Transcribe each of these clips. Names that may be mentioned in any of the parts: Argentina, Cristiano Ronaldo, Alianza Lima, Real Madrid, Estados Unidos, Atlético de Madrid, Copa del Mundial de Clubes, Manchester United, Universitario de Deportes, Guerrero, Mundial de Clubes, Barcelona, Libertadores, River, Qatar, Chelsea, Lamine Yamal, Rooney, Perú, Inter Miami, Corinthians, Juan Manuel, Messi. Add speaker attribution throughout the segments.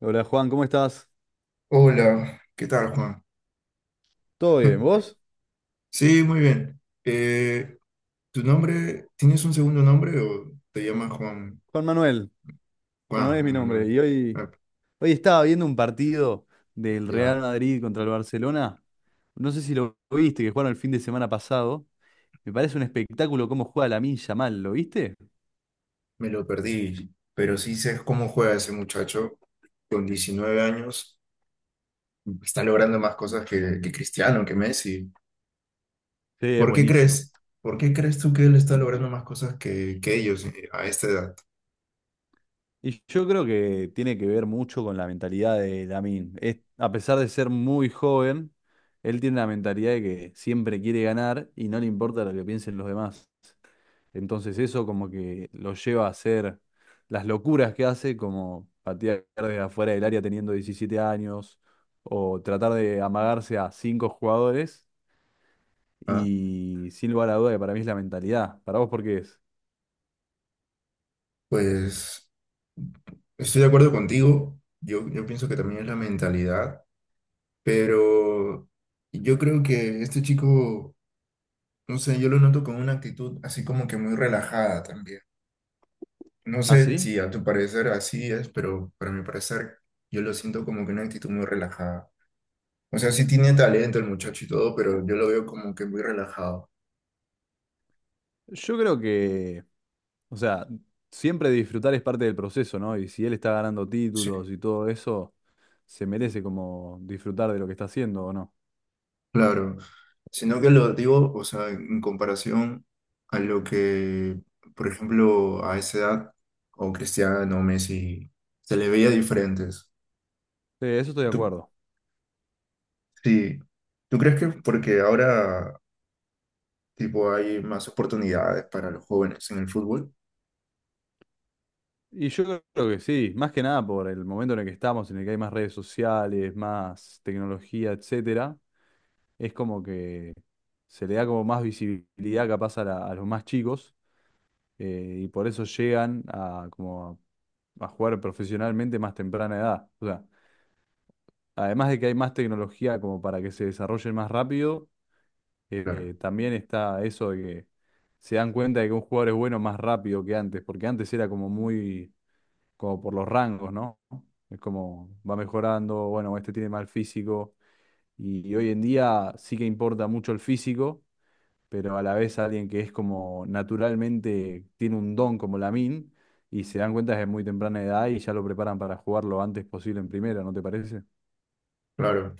Speaker 1: Hola Juan, ¿cómo estás?
Speaker 2: Hola, ¿qué tal, Juan?
Speaker 1: ¿Todo bien? ¿Vos?
Speaker 2: Sí, muy bien. ¿Tu nombre, tienes un segundo nombre o te llamas Juan?
Speaker 1: Juan Manuel. Juan Manuel es
Speaker 2: Juan
Speaker 1: mi nombre.
Speaker 2: Manuel.
Speaker 1: Y hoy,
Speaker 2: Ah,
Speaker 1: hoy estaba viendo un partido del Real
Speaker 2: ya,
Speaker 1: Madrid contra el Barcelona. No sé si lo viste, que jugaron el fin de semana pasado. Me parece un espectáculo cómo juega Lamine Yamal, ¿lo viste?
Speaker 2: Me lo perdí, pero sí sé cómo juega ese muchacho con 19 años. Está logrando más cosas que Cristiano, que Messi.
Speaker 1: Sí, es
Speaker 2: ¿Por qué
Speaker 1: buenísimo.
Speaker 2: crees? ¿Por qué crees tú que él está logrando más cosas que ellos a esta edad?
Speaker 1: Y yo creo que tiene que ver mucho con la mentalidad de Lamine. Es, a pesar de ser muy joven, él tiene la mentalidad de que siempre quiere ganar y no le importa lo que piensen los demás. Entonces eso como que lo lleva a hacer las locuras que hace, como patear desde afuera del área teniendo 17 años, o tratar de amagarse a cinco jugadores,
Speaker 2: Ah,
Speaker 1: y sin lugar a duda que para mí es la mentalidad. ¿Para vos por qué es?
Speaker 2: Pues estoy de acuerdo contigo. Yo pienso que también es la mentalidad. Pero yo creo que este chico, no sé, yo lo noto con una actitud así como que muy relajada también. No
Speaker 1: ¿Ah,
Speaker 2: sé
Speaker 1: sí?
Speaker 2: si a tu parecer así es, pero para mi parecer yo lo siento como que una actitud muy relajada. O sea, sí tiene talento el muchacho y todo, pero yo lo veo como que muy relajado.
Speaker 1: Yo creo que, o sea, siempre disfrutar es parte del proceso, ¿no? Y si él está ganando
Speaker 2: Sí,
Speaker 1: títulos y todo eso, se merece como disfrutar de lo que está haciendo, ¿o no?
Speaker 2: claro. Sino que lo digo, o sea, en comparación a lo que, por ejemplo, a esa edad, o Cristiano, Messi, se le veía diferentes.
Speaker 1: Sí, eso estoy de
Speaker 2: Tú
Speaker 1: acuerdo.
Speaker 2: Sí, ¿tú crees que porque ahora tipo hay más oportunidades para los jóvenes en el fútbol?
Speaker 1: Y yo creo que sí, más que nada por el momento en el que estamos, en el que hay más redes sociales, más tecnología, etcétera, es como que se le da como más visibilidad capaz a, a los más chicos y por eso llegan a, como a jugar profesionalmente más temprana edad. O sea, además de que hay más tecnología como para que se desarrollen más rápido,
Speaker 2: Claro,
Speaker 1: también está eso de que se dan cuenta de que un jugador es bueno más rápido que antes, porque antes era como muy como por los rangos, ¿no? Es como va mejorando, bueno, este tiene mal físico y hoy en día sí que importa mucho el físico, pero a la vez alguien que es como naturalmente tiene un don como Lamine y se dan cuenta desde muy temprana edad y ya lo preparan para jugar lo antes posible en primera, ¿no te parece?
Speaker 2: claro.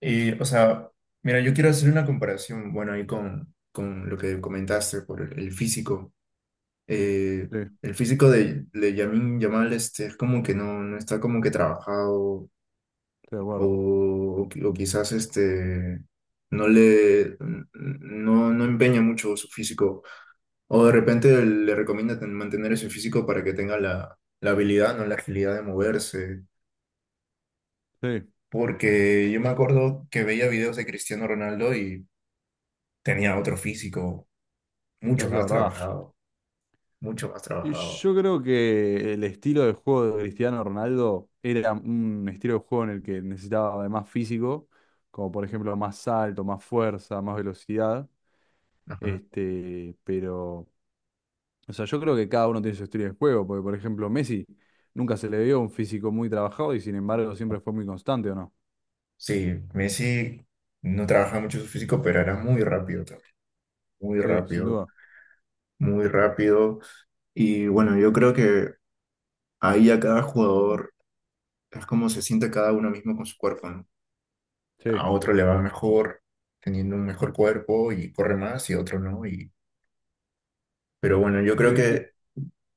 Speaker 2: Y, o sea, mira, yo quiero hacer una comparación, bueno, ahí con lo que comentaste por el físico. Eh,
Speaker 1: Sí, estoy
Speaker 2: el físico de Lamine Yamal este, es como que no está como que trabajado
Speaker 1: de acuerdo.
Speaker 2: o quizás este, no le, no empeña mucho su físico. O de repente le recomienda ten- mantener ese físico para que tenga la habilidad, no la agilidad de moverse.
Speaker 1: Sí, eso
Speaker 2: Porque yo me acuerdo que veía videos de Cristiano Ronaldo y tenía otro físico, mucho
Speaker 1: es
Speaker 2: más
Speaker 1: verdad.
Speaker 2: trabajado, mucho más
Speaker 1: Y
Speaker 2: trabajado.
Speaker 1: yo creo que el estilo de juego de Cristiano Ronaldo era un estilo de juego en el que necesitaba de más físico, como por ejemplo más salto, más fuerza, más velocidad.
Speaker 2: Ajá.
Speaker 1: Este, pero, o sea, yo creo que cada uno tiene su estilo de juego, porque por ejemplo Messi nunca se le vio un físico muy trabajado y sin embargo siempre fue muy constante, ¿o no?
Speaker 2: Sí, Messi no trabajaba mucho su físico, pero era muy rápido también, muy
Speaker 1: Sí, sin
Speaker 2: rápido,
Speaker 1: duda.
Speaker 2: muy rápido. Y bueno, yo creo que ahí a cada jugador es como se siente cada uno mismo con su cuerpo, ¿no? A
Speaker 1: Sí.
Speaker 2: otro le va mejor teniendo un mejor cuerpo y corre más y otro no. Y, pero bueno, yo
Speaker 1: Sí,
Speaker 2: creo
Speaker 1: ¿y
Speaker 2: que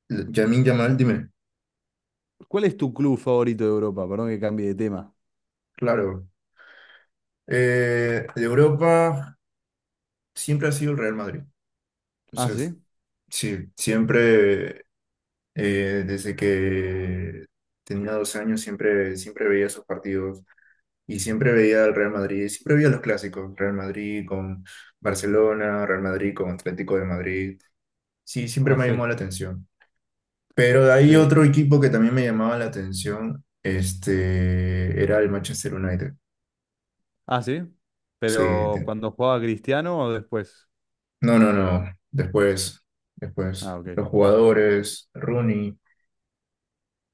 Speaker 2: Lamine Yamal, dime,
Speaker 1: cuál es tu club favorito de Europa? Perdón que cambie de tema.
Speaker 2: claro, de Europa siempre ha sido el Real Madrid. O
Speaker 1: Ah,
Speaker 2: sea,
Speaker 1: sí.
Speaker 2: sí, siempre, desde que tenía 12 años, siempre veía esos partidos. Y siempre veía al Real Madrid, siempre veía los clásicos, Real Madrid con Barcelona, Real Madrid con Atlético de Madrid. Sí, siempre
Speaker 1: Ah,
Speaker 2: me ha
Speaker 1: sí.
Speaker 2: llamado la atención. Pero de ahí
Speaker 1: Sí.
Speaker 2: otro equipo que también me llamaba la atención, este, era el Manchester United.
Speaker 1: Ah, sí.
Speaker 2: Sí,
Speaker 1: Pero
Speaker 2: te-
Speaker 1: cuando jugaba Cristiano o después.
Speaker 2: no, después,
Speaker 1: Ah, ok.
Speaker 2: los jugadores, Rooney,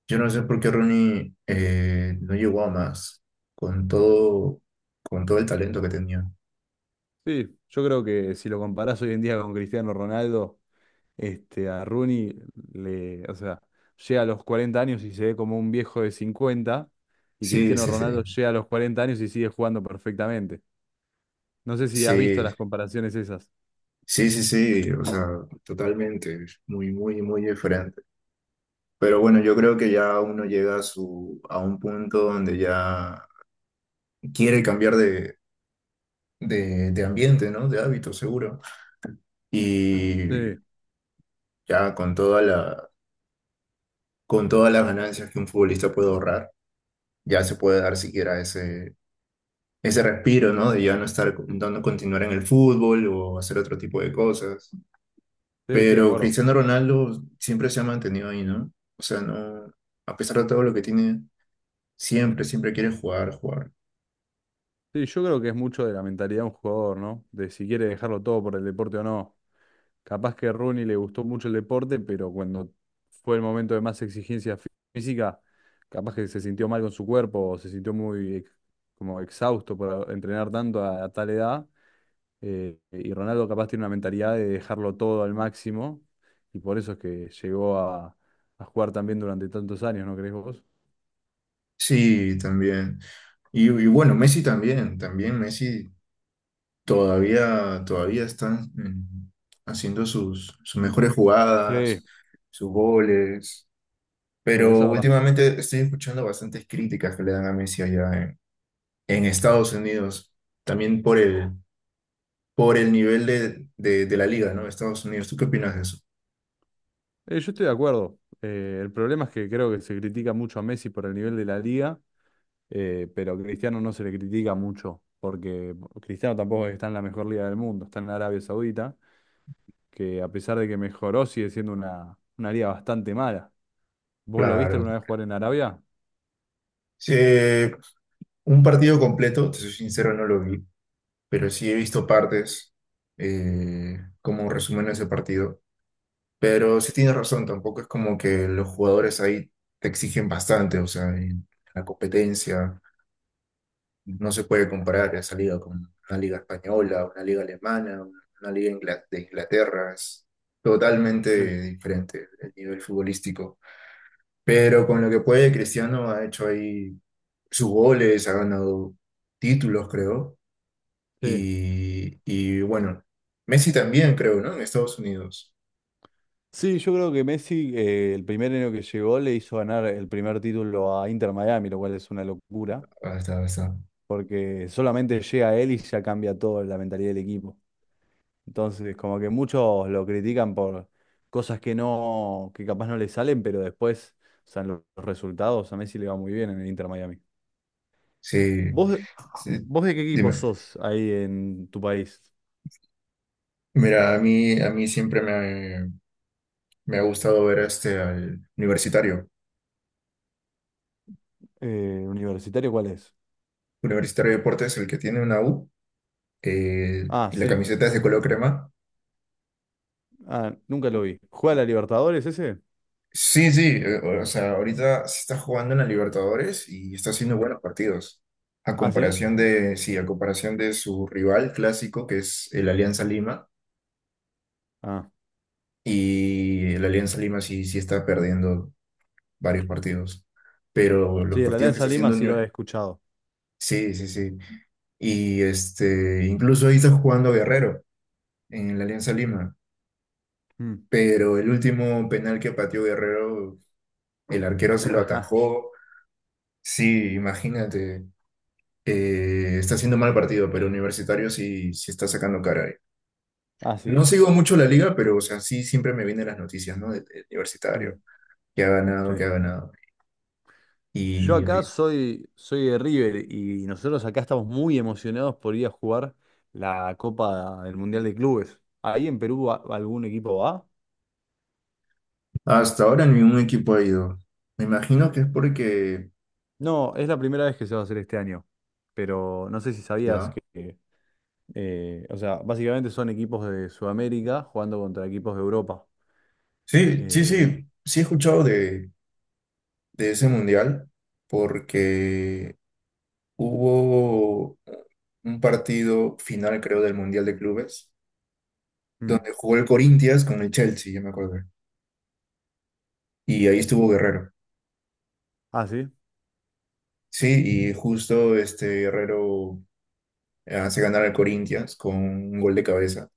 Speaker 2: yo no sé por qué Rooney no llegó a más con todo, con todo el talento que tenía.
Speaker 1: Sí, yo creo que si lo comparás hoy en día con Cristiano Ronaldo, este, a Rooney le, o sea, llega a los 40 años y se ve como un viejo de 50 y
Speaker 2: Sí,
Speaker 1: Cristiano
Speaker 2: sí, sí,
Speaker 1: Ronaldo llega a los 40 años y sigue jugando perfectamente. No sé si has visto
Speaker 2: sí,
Speaker 1: las comparaciones esas.
Speaker 2: sí, sí, sí, o sea, totalmente, muy, muy, muy diferente. Pero bueno, yo creo que ya uno llega a su, a un punto donde ya quiere cambiar de ambiente, ¿no? De hábito, seguro. Y
Speaker 1: Sí,
Speaker 2: ya con toda con todas las ganancias que un futbolista puede ahorrar, ya se puede dar siquiera ese respiro, ¿no? De ya no estar dando continuar en el fútbol o hacer otro tipo de cosas.
Speaker 1: sí, estoy de
Speaker 2: Pero
Speaker 1: acuerdo.
Speaker 2: Cristiano Ronaldo siempre se ha mantenido ahí, ¿no? O sea, no, a pesar de todo lo que tiene, siempre quiere jugar, jugar.
Speaker 1: Sí, yo creo que es mucho de la mentalidad de un jugador, ¿no? De si quiere dejarlo todo por el deporte o no. Capaz que a Rooney le gustó mucho el deporte, pero cuando fue el momento de más exigencia física, capaz que se sintió mal con su cuerpo, o se sintió muy como exhausto por entrenar tanto a tal edad. Y Ronaldo capaz tiene una mentalidad de dejarlo todo al máximo, y por eso es que llegó a jugar también durante tantos años, ¿no crees vos?
Speaker 2: Sí, también. Y bueno, Messi también, también Messi todavía, todavía están haciendo sus mejores
Speaker 1: Sí.
Speaker 2: jugadas, sus goles,
Speaker 1: Sí, eso es
Speaker 2: pero
Speaker 1: verdad.
Speaker 2: últimamente estoy escuchando bastantes críticas que le dan a Messi en Estados Unidos, también por por el nivel de la liga, ¿no? Estados Unidos, ¿tú qué opinas de eso?
Speaker 1: Yo estoy de acuerdo. El problema es que creo que se critica mucho a Messi por el nivel de la liga. Pero a Cristiano no se le critica mucho, porque Cristiano tampoco está en la mejor liga del mundo, está en Arabia Saudita, que a pesar de que mejoró, sigue siendo una liga bastante mala. ¿Vos lo viste
Speaker 2: Claro.
Speaker 1: alguna vez jugar en Arabia?
Speaker 2: Sí, un partido completo, te soy sincero, no lo vi, pero sí he visto partes como resumen de ese partido. Pero sí tienes razón, tampoco es como que los jugadores ahí te exigen bastante, o sea, en la competencia no se puede comparar esa liga con una liga española, una liga alemana, una liga ingla- de Inglaterra, es
Speaker 1: Sí.
Speaker 2: totalmente diferente el nivel futbolístico. Pero con lo que puede, Cristiano ha hecho ahí sus goles, ha ganado títulos, creo,
Speaker 1: Sí.
Speaker 2: y bueno, Messi también, creo, ¿no? En Estados Unidos.
Speaker 1: Sí, yo creo que Messi, el primer año que llegó, le hizo ganar el primer título a Inter Miami, lo cual es una locura,
Speaker 2: Hasta.
Speaker 1: porque solamente llega él y ya cambia todo la mentalidad del equipo. Entonces, como que muchos lo critican por cosas que no, que capaz no le salen, pero después, o sea, en los resultados a Messi le va muy bien en el Inter Miami.
Speaker 2: Sí,
Speaker 1: ¿Vos,
Speaker 2: sí,
Speaker 1: vos de qué equipo
Speaker 2: dime.
Speaker 1: sos ahí en tu país?
Speaker 2: Mira, a mí siempre me ha gustado ver este al universitario.
Speaker 1: ¿Universitario cuál es?
Speaker 2: Universitario de Deportes, el que tiene una U,
Speaker 1: Ah,
Speaker 2: y la
Speaker 1: sí.
Speaker 2: camiseta es de color crema.
Speaker 1: Ah, nunca lo vi. ¿Juega la Libertadores ese?
Speaker 2: Sí, sí, o sea, ahorita se está jugando en la Libertadores y está haciendo buenos partidos. A
Speaker 1: Ah, sí.
Speaker 2: comparación de, sí, a comparación de su rival clásico, que es el Alianza Lima,
Speaker 1: Ah,
Speaker 2: y el Alianza Lima sí, sí está perdiendo varios partidos. Pero los
Speaker 1: sí, el
Speaker 2: partidos que
Speaker 1: Alianza
Speaker 2: está
Speaker 1: Lima
Speaker 2: haciendo...
Speaker 1: sí lo he
Speaker 2: Unive-
Speaker 1: escuchado.
Speaker 2: Sí, sí, sí. Y este, incluso ahí está jugando Guerrero en la Alianza Lima,
Speaker 1: Mm.
Speaker 2: pero el último penal que pateó Guerrero, el arquero se lo
Speaker 1: Ajá.
Speaker 2: atajó, sí, imagínate, está haciendo mal partido, pero Universitario sí, sí está sacando cara ahí.
Speaker 1: Ah, sí.
Speaker 2: No sigo mucho la liga, pero o sea, sí siempre me vienen las noticias, ¿no? De Universitario,
Speaker 1: Mm.
Speaker 2: que ha
Speaker 1: Sí.
Speaker 2: ganado, que ha ganado.
Speaker 1: Yo
Speaker 2: Y
Speaker 1: acá
Speaker 2: ahí-
Speaker 1: soy, soy de River y nosotros acá estamos muy emocionados por ir a jugar la Copa del Mundial de Clubes. ¿Ahí en Perú algún equipo va?
Speaker 2: hasta ahora ningún equipo ha ido. Me imagino que es porque,
Speaker 1: No, es la primera vez que se va a hacer este año, pero no sé si sabías
Speaker 2: ya.
Speaker 1: que, o sea, básicamente son equipos de Sudamérica jugando contra equipos de Europa.
Speaker 2: Sí, sí,
Speaker 1: Eh,
Speaker 2: sí, sí he escuchado de ese mundial porque hubo un partido final, creo, del Mundial de Clubes,
Speaker 1: mm.
Speaker 2: donde jugó el Corinthians con el Chelsea, ya me acuerdo. Y ahí estuvo Guerrero.
Speaker 1: Ah, sí,
Speaker 2: Sí, y justo este Guerrero hace ganar al Corinthians con un gol de cabeza,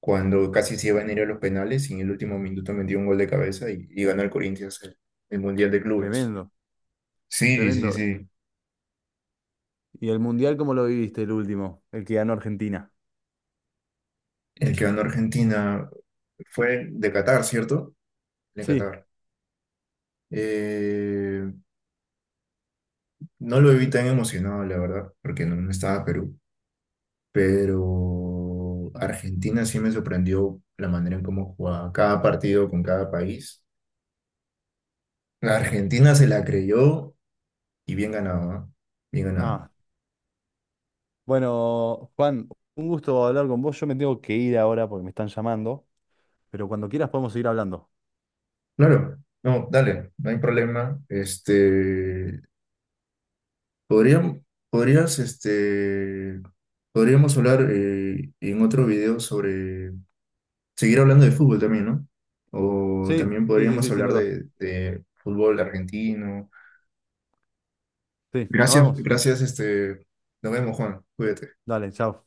Speaker 2: cuando casi se iban a ir a los penales y en el último minuto metió un gol de cabeza y ganó el Corinthians el Mundial de Clubes.
Speaker 1: tremendo,
Speaker 2: Sí, sí,
Speaker 1: tremendo.
Speaker 2: sí.
Speaker 1: ¿Y el Mundial cómo lo viviste el último, el que ganó Argentina?
Speaker 2: El que ganó Argentina fue de Qatar, ¿cierto? De
Speaker 1: Sí.
Speaker 2: Qatar. Eh, no lo vi tan emocionado, la verdad, porque no estaba Perú, pero Argentina sí me sorprendió la manera en cómo jugaba cada partido con cada país. La Argentina se la creyó y bien ganado, ¿ah? Bien ganado.
Speaker 1: Ah, bueno, Juan, un gusto hablar con vos. Yo me tengo que ir ahora porque me están llamando, pero cuando quieras podemos seguir hablando.
Speaker 2: Claro, no, dale, no hay problema. Este, podríamos, podrías, este, podríamos hablar en otro video sobre seguir hablando de fútbol también, ¿no? O
Speaker 1: Sí,
Speaker 2: también
Speaker 1: sí, sí,
Speaker 2: podríamos
Speaker 1: sí, sin
Speaker 2: hablar
Speaker 1: duda.
Speaker 2: de fútbol argentino.
Speaker 1: Sí, nos vemos.
Speaker 2: Gracias, este, nos vemos, Juan. Cuídate.
Speaker 1: Dale, chao.